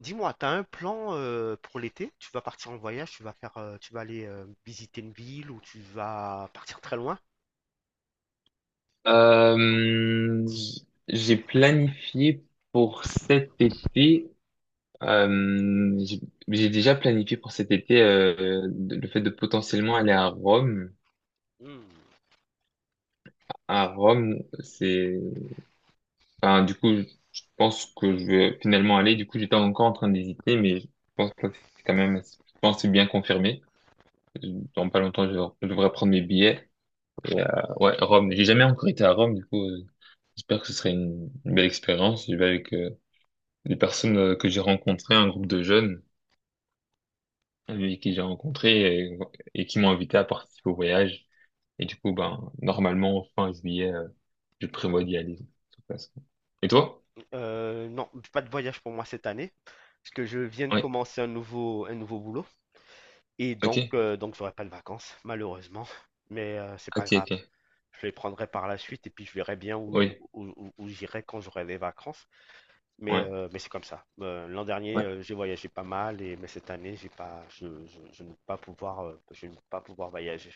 Dis-moi, t'as un plan pour l'été? Tu vas partir en voyage, tu vas faire, tu vas aller visiter une ville ou tu vas partir très loin? J'ai planifié pour cet été, euh, j'ai j'ai déjà planifié pour cet été, le fait de potentiellement aller à Rome. Hmm. À Rome, c'est, enfin, du coup, je pense que je vais finalement aller. Du coup, j'étais encore en train d'hésiter, mais je pense que c'est quand même, je pense que c'est bien confirmé. Dans pas longtemps, je devrais prendre mes billets. Et, ouais, Rome. J'ai jamais encore été à Rome, du coup, j'espère que ce serait une belle expérience. Je vais avec des personnes que j'ai rencontrées, un groupe de jeunes qui j'ai rencontrés et qui m'ont invité à participer au voyage. Et du coup, ben, normalement, fin juillet, je prévois d'y aller, de toute façon. Et toi? Non, pas de voyage pour moi cette année, parce que je viens de Oui. commencer un nouveau boulot et donc, Ok. euh, donc j'aurai pas de vacances, malheureusement. Mais c'est pas Ok, grave, ok. je les prendrai par la suite et puis je verrai bien Oui. où j'irai quand j'aurai des vacances. Mais, Ouais. euh, mais c'est comme ça. L'an dernier, Ouais. J'ai voyagé pas mal et mais cette année, j'ai pas, je ne vais pas pouvoir, voyager.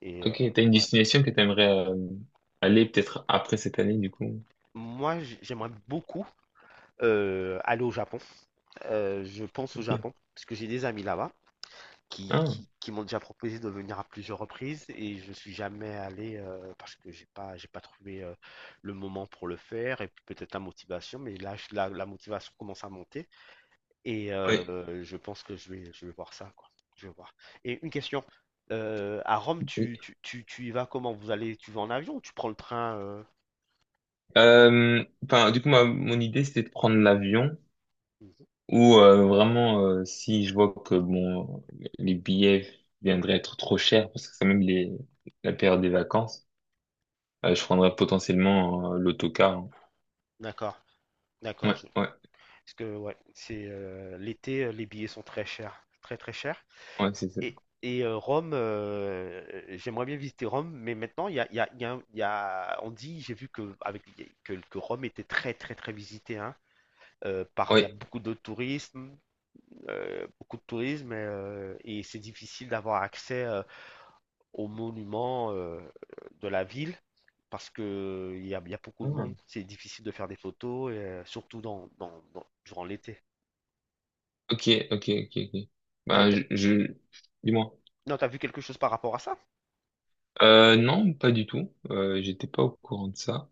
Et Ok. T'as une ouais. destination que t'aimerais aller peut-être après cette année, du coup. Moi, j'aimerais beaucoup aller au Japon. Je pense au Ok. Japon parce que j'ai des amis là-bas qui, Ah. qui, qui m'ont déjà proposé de venir à plusieurs reprises et je suis jamais allé parce que j'ai pas trouvé le moment pour le faire et puis peut-être la motivation. Mais là, la motivation commence à monter et Oui. Je pense que je vais voir ça, quoi. Je vais voir. Et une question. À Rome, Oui. tu y vas comment? Tu vas en avion ou tu prends le train Enfin, du coup, mon idée, c'était de prendre l'avion. Mhm. Ou vraiment, si je vois que bon, les billets viendraient être trop chers, parce que c'est même la période des vacances, je prendrais potentiellement l'autocar, hein. D'accord, Ouais, d'accord. Parce ouais, que ouais, c'est l'été, les billets sont très chers, très très chers. ouais, c'est ça. Et Rome, j'aimerais bien visiter Rome, mais maintenant il y a, il y a- il y a il y a- on dit, j'ai vu que que Rome était très très très visitée, hein, par il y a Ouais. Beaucoup de tourisme, et c'est difficile d'avoir accès aux monuments de la ville. Parce que il y a beaucoup de monde, Ah. c'est difficile de faire des photos, et surtout durant l'été. Ok, ok, ok, ok. Ben, dis-moi. Non, t'as vu quelque chose par rapport à ça? Non, pas du tout. J'étais pas au courant de ça.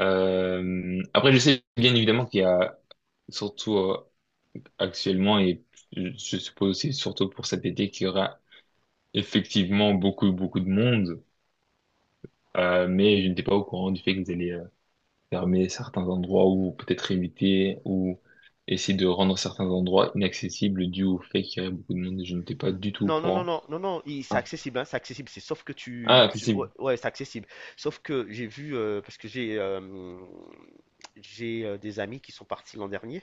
Après, je sais bien évidemment qu'il y a surtout actuellement et je suppose aussi surtout pour cet été qu'il y aura effectivement beaucoup beaucoup de monde. Mais je n'étais pas au courant du fait qu'ils allaient fermer certains endroits ou peut-être éviter ou essayer de rendre certains endroits inaccessibles dû au fait qu'il y avait beaucoup de monde. Je n'étais pas du tout au Non, non, non, courant. non, non, non, c'est Ah, accessible, hein, c'est accessible. C'est sauf que ah, ouais, accessible. ouais, c'est accessible. Sauf que j'ai vu parce que j'ai des amis qui sont partis l'an dernier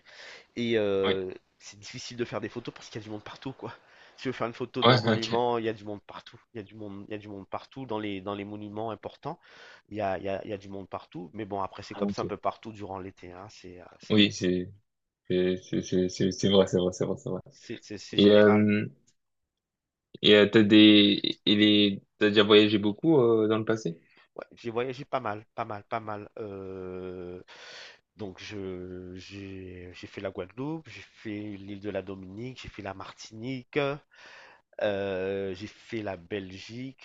et Oui. C'est difficile de faire des photos parce qu'il y a du monde partout, quoi. Si tu veux faire une photo Ouais, d'un ok. monument, il y a du monde partout. Il y a du monde, il y a du monde partout dans les monuments importants. Il y a, il y a, il y a du monde partout. Mais bon, après c'est Ah, comme ça un ok. peu partout durant l'été, hein. C'est euh, c'est Oui, c'est vrai, c'est vrai, c'est vrai, c'est vrai. c'est c'est- c'est Et général. euh, et t'as des et les T'as déjà voyagé beaucoup dans le passé? Ouais, j'ai voyagé pas mal, pas mal, pas mal. Donc je j'ai fait la Guadeloupe, j'ai fait l'île de la Dominique, j'ai fait la Martinique, j'ai fait la Belgique,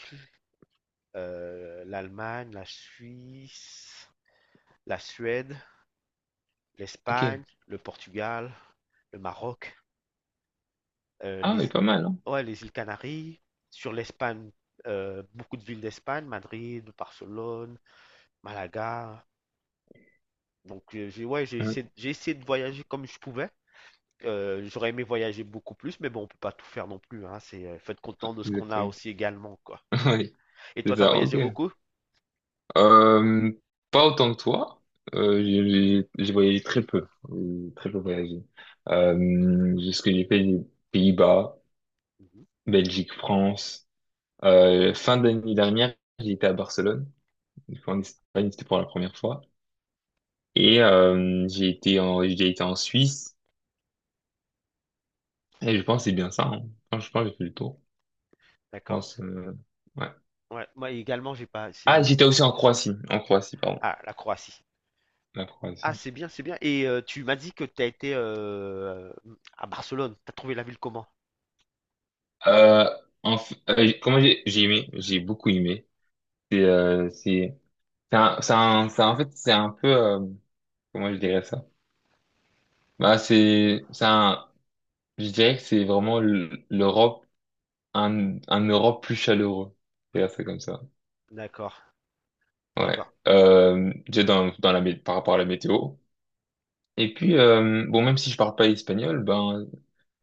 l'Allemagne, la Suisse, la Suède, Ok. l'Espagne, le Portugal, le Maroc, Ah, les oui, pas mal, hein? ouais, les îles Canaries. Sur l'Espagne, beaucoup de villes d'Espagne, Madrid, Barcelone, Malaga. Donc, j'ai ouais, j'ai Oui, essayé, j'ai essayé de voyager comme je pouvais. J'aurais aimé voyager beaucoup plus, mais bon, on peut pas tout faire non plus, hein. C'est faut être content de ce qu'on a exactement. aussi également, quoi. Oui, Et c'est toi, t'as ça. Ok. voyagé beaucoup? Euh, Pas autant que toi. J'ai voyagé très peu. J'ai très peu voyagé. Ce que j'ai fait, les Pays-Bas, Mhm, Belgique, France. Fin d'année dernière, j'ai été à Barcelone. Une fois en Espagne, c'était pour la première fois. Et j'ai été en Suisse. Et je mhm. pense que c'est bien ça, hein. Enfin, je pense que j'ai fait le tour. Je D'accord. pense, ouais. Ouais, moi également, j'ai pas. Ah, j'étais aussi en Croatie. En Croatie, pardon. Ah, la Croatie. La Ah, Croatie. c'est bien, c'est bien. Et tu m'as dit que t'as été à Barcelone. T'as trouvé la ville comment? Euh, Comment j'ai aimé, j'ai beaucoup aimé. C'est euh, c'est En fait c'est un peu, comment je dirais ça? Bah c'est un je dirais que c'est vraiment l'Europe un Europe plus chaleureux. Je dirais ça comme ça. D'accord, Ouais. d'accord. Déjà, par rapport à la météo. Et puis bon, même si je parle pas espagnol, ben,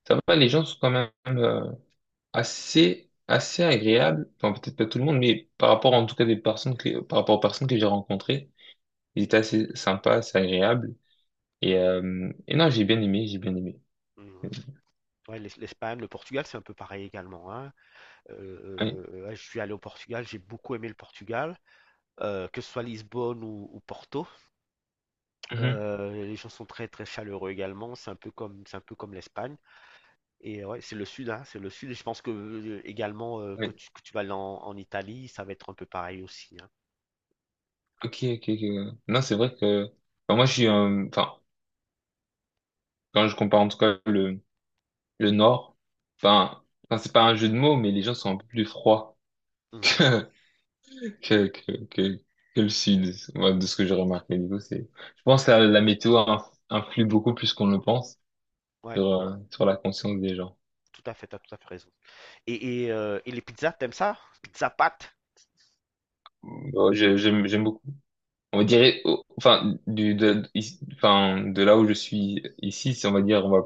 ça va, les gens sont quand même assez assez agréables. Enfin, peut-être pas tout le monde, mais par rapport aux personnes que j'ai rencontrées, ils étaient assez sympas, assez agréables. Et non, j'ai bien aimé, j'ai bien aimé. Mhm. Ouais, l'Espagne, le Portugal, c'est un peu pareil également, hein. Oui. Ouais, je suis allé au Portugal, j'ai beaucoup aimé le Portugal. Que ce soit Lisbonne ou Porto. Mhm, Les gens sont très très chaleureux également. C'est un peu comme l'Espagne. Et ouais, c'est le sud, hein, c'est le sud. Et je pense que également que oui. tu vas aller en Italie, ça va être un peu pareil aussi, hein. Ok, ok, ok. Ouais. Non, c'est vrai que, enfin, moi, je suis, enfin, quand je compare en tout cas le Nord, ben, enfin, c'est pas un jeu de mots, mais les gens sont un peu plus froids Mhm. que que que que, que le Sud, moi, de ce que j'ai remarqué. Du coup, je pense que la météo influe beaucoup plus qu'on le pense Ouais, sur la conscience des gens. tout à fait, t'as tout à fait raison. Et les pizzas, t'aimes ça? Pizza pâte? Bon, j'aime beaucoup. On Ouais. dirait, oh, enfin, enfin, de là où je suis ici, si on va dire, on va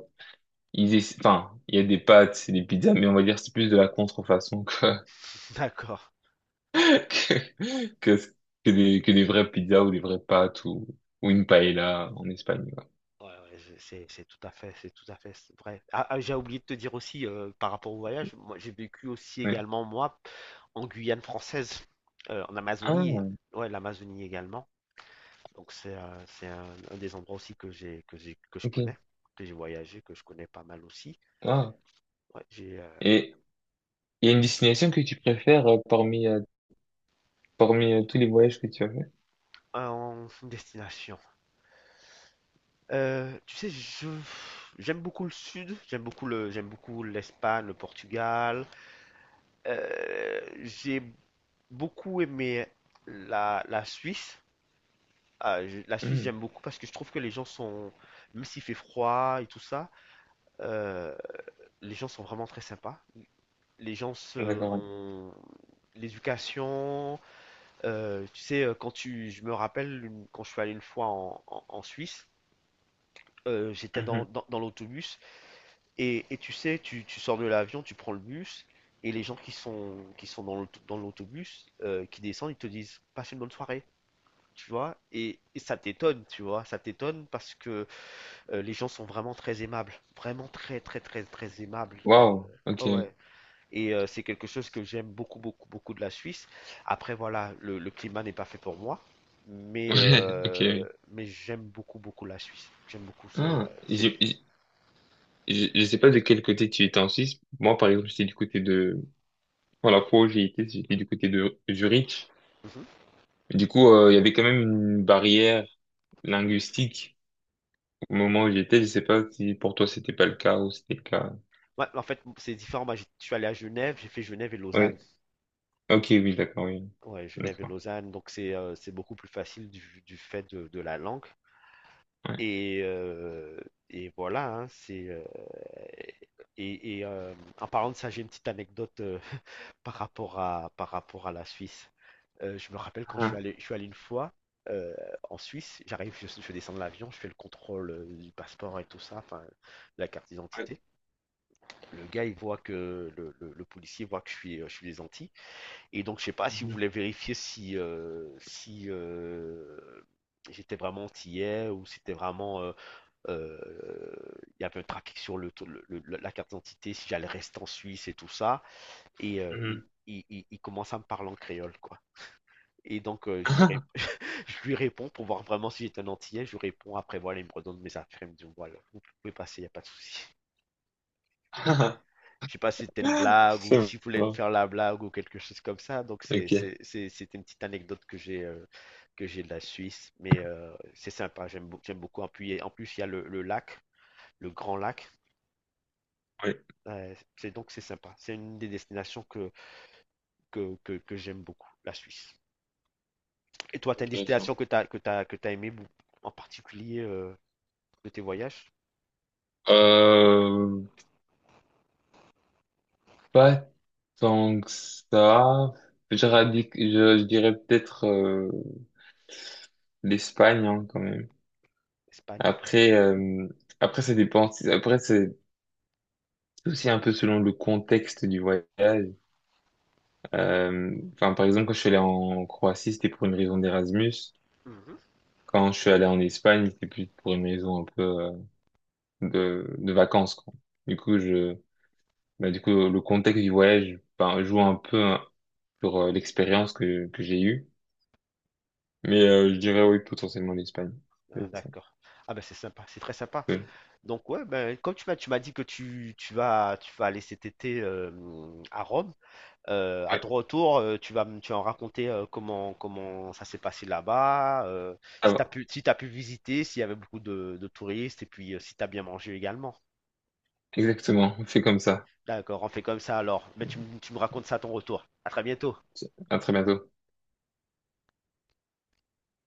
Enfin, il y a des pâtes, c'est des pizzas, mais on va dire que c'est plus de la contrefaçon que, D'accord. que, que, que des vraies pizzas ou des vraies pâtes ou une paella en Espagne, quoi. Ouais, ouais, c'est tout à fait, c'est tout à fait vrai. Ah, ah, j'ai oublié de te dire aussi par rapport au voyage, moi j'ai vécu aussi Ouais. également moi en Guyane française, en Amazonie, Ah, ouais l'Amazonie également. Donc c'est un des endroits aussi que j'ai que j'ai que je ok. connais, que j'ai voyagé, que je connais pas mal aussi. Ah. Ouais, j'ai Et il y a une destination que tu préfères parmi tous les voyages que tu as fait? Une destination. Tu sais, je j'aime beaucoup le sud, j'aime beaucoup l'Espagne, le Portugal. J'ai beaucoup aimé la Suisse. Ah, la Suisse, Hmm. j'aime beaucoup parce que je trouve que les gens sont, même s'il fait froid et tout ça, euh, les gens sont vraiment très sympas. Les gens se, D'accord, ouais. ont- l'éducation, tu sais, je me rappelle quand je suis allé une fois en, en- en Suisse, j'étais Mhm. dans, dans- dans l'autobus et tu sais, tu sors de l'avion, tu prends le bus et les gens qui sont dans dans l'autobus, qui descendent, ils te disent, passe une bonne soirée. Tu vois, et ça t'étonne, tu vois, ça t'étonne parce que les gens sont vraiment très aimables, vraiment très très très très aimables. Waouh, ok. Oh ouais, et c'est quelque chose que j'aime beaucoup beaucoup beaucoup de la Suisse. Après voilà, le climat n'est pas fait pour moi, mais Ouais, ok, euh, oui. mais j'aime beaucoup beaucoup la Suisse. J'aime beaucoup c'est euh, Ah, c'est- je sais pas de quel côté tu étais en Suisse. Moi, par exemple, j'étais du côté de... Pour la fois où j'ai été, j'étais du côté de Zurich. Mhm. Et du coup, il y avait quand même une barrière linguistique au moment où j'étais. Je sais pas si pour toi c'était pas le cas ou c'était le cas. Ouais, en fait c'est différent. Moi, j'ai je suis allé à Genève, j'ai fait Genève et Oui. Lausanne. Ok, oui, d'accord, oui. Ouais, Genève et D'accord. Lausanne, donc c'est beaucoup plus facile du fait de la langue. Ouais. Et, euh, et voilà, hein. Et et, euh, En parlant de ça, j'ai une petite anecdote par rapport à la Suisse. Je me rappelle quand je suis Ah, allé, je suis allé une fois euh, en Suisse, j'arrive, je descends de l'avion, je fais le contrôle du passeport et tout ça, enfin, la carte ouais. d'identité. Le gars, il voit que le policier voit que je suis des Antilles. Et donc, je sais pas si vous Mhm, voulez vérifier si, si j'étais vraiment antillais ou si c'était vraiment euh, il y avait un trafic sur la carte d'identité, si j'allais rester en Suisse et tout ça. Et il, mhm. il- il- il commence à me parler en créole, quoi. Et donc, je lui réponds pour voir vraiment si j'étais un Antillais. Je lui réponds, après, voilà, il me redonne mes affaires. Il me dit, bon, voilà, vous pouvez passer, il n'y a pas de souci. Je sais pas si c'était une blague ou C'est si s'il voulait me bon. faire la blague ou quelque chose comme ça. Donc, c'est, Ok. c'est, c'est- c'est une petite anecdote que j'ai de la Suisse. Mais c'est sympa, j'aime beaucoup. Appuyer. En plus, il y a le lac, le grand lac. Oui, C'est donc c'est sympa. C'est une des destinations que j'aime beaucoup, la Suisse. Et toi, t'as une intéressant. destination que t'as aimé en particulier de tes voyages? Euh, Pas tant que ça. Je dirais peut-être l'Espagne, hein, quand même. Espagne? Après, euh, Après ça dépend. Après, c'est aussi un peu selon le contexte du voyage. Enfin, par exemple, quand je suis allé en Croatie, c'était pour une raison d'Erasmus. Mhm. Quand je suis allé en Espagne, c'était plus pour une raison un peu de vacances, quoi. Du coup, bah, le contexte du voyage, ben, joue un peu, hein, sur l'expérience que j'ai eue. Mais je dirais oui, potentiellement l'Espagne. Ah, C'est ça. d'accord. Ah ben c'est sympa, c'est très sympa. Oui. Donc ouais, ben comme tu m'as dit que tu vas aller cet été à Rome, à Ouais, ton retour, tu vas en raconter comment ça s'est passé là-bas, ça si va. t'as pu si t'as pu visiter, s'il y avait beaucoup de touristes et puis si t'as bien mangé également. Exactement. On fait comme ça. D'accord, on fait comme ça alors. Mais tu me racontes ça à ton retour. À très bientôt. À très bientôt.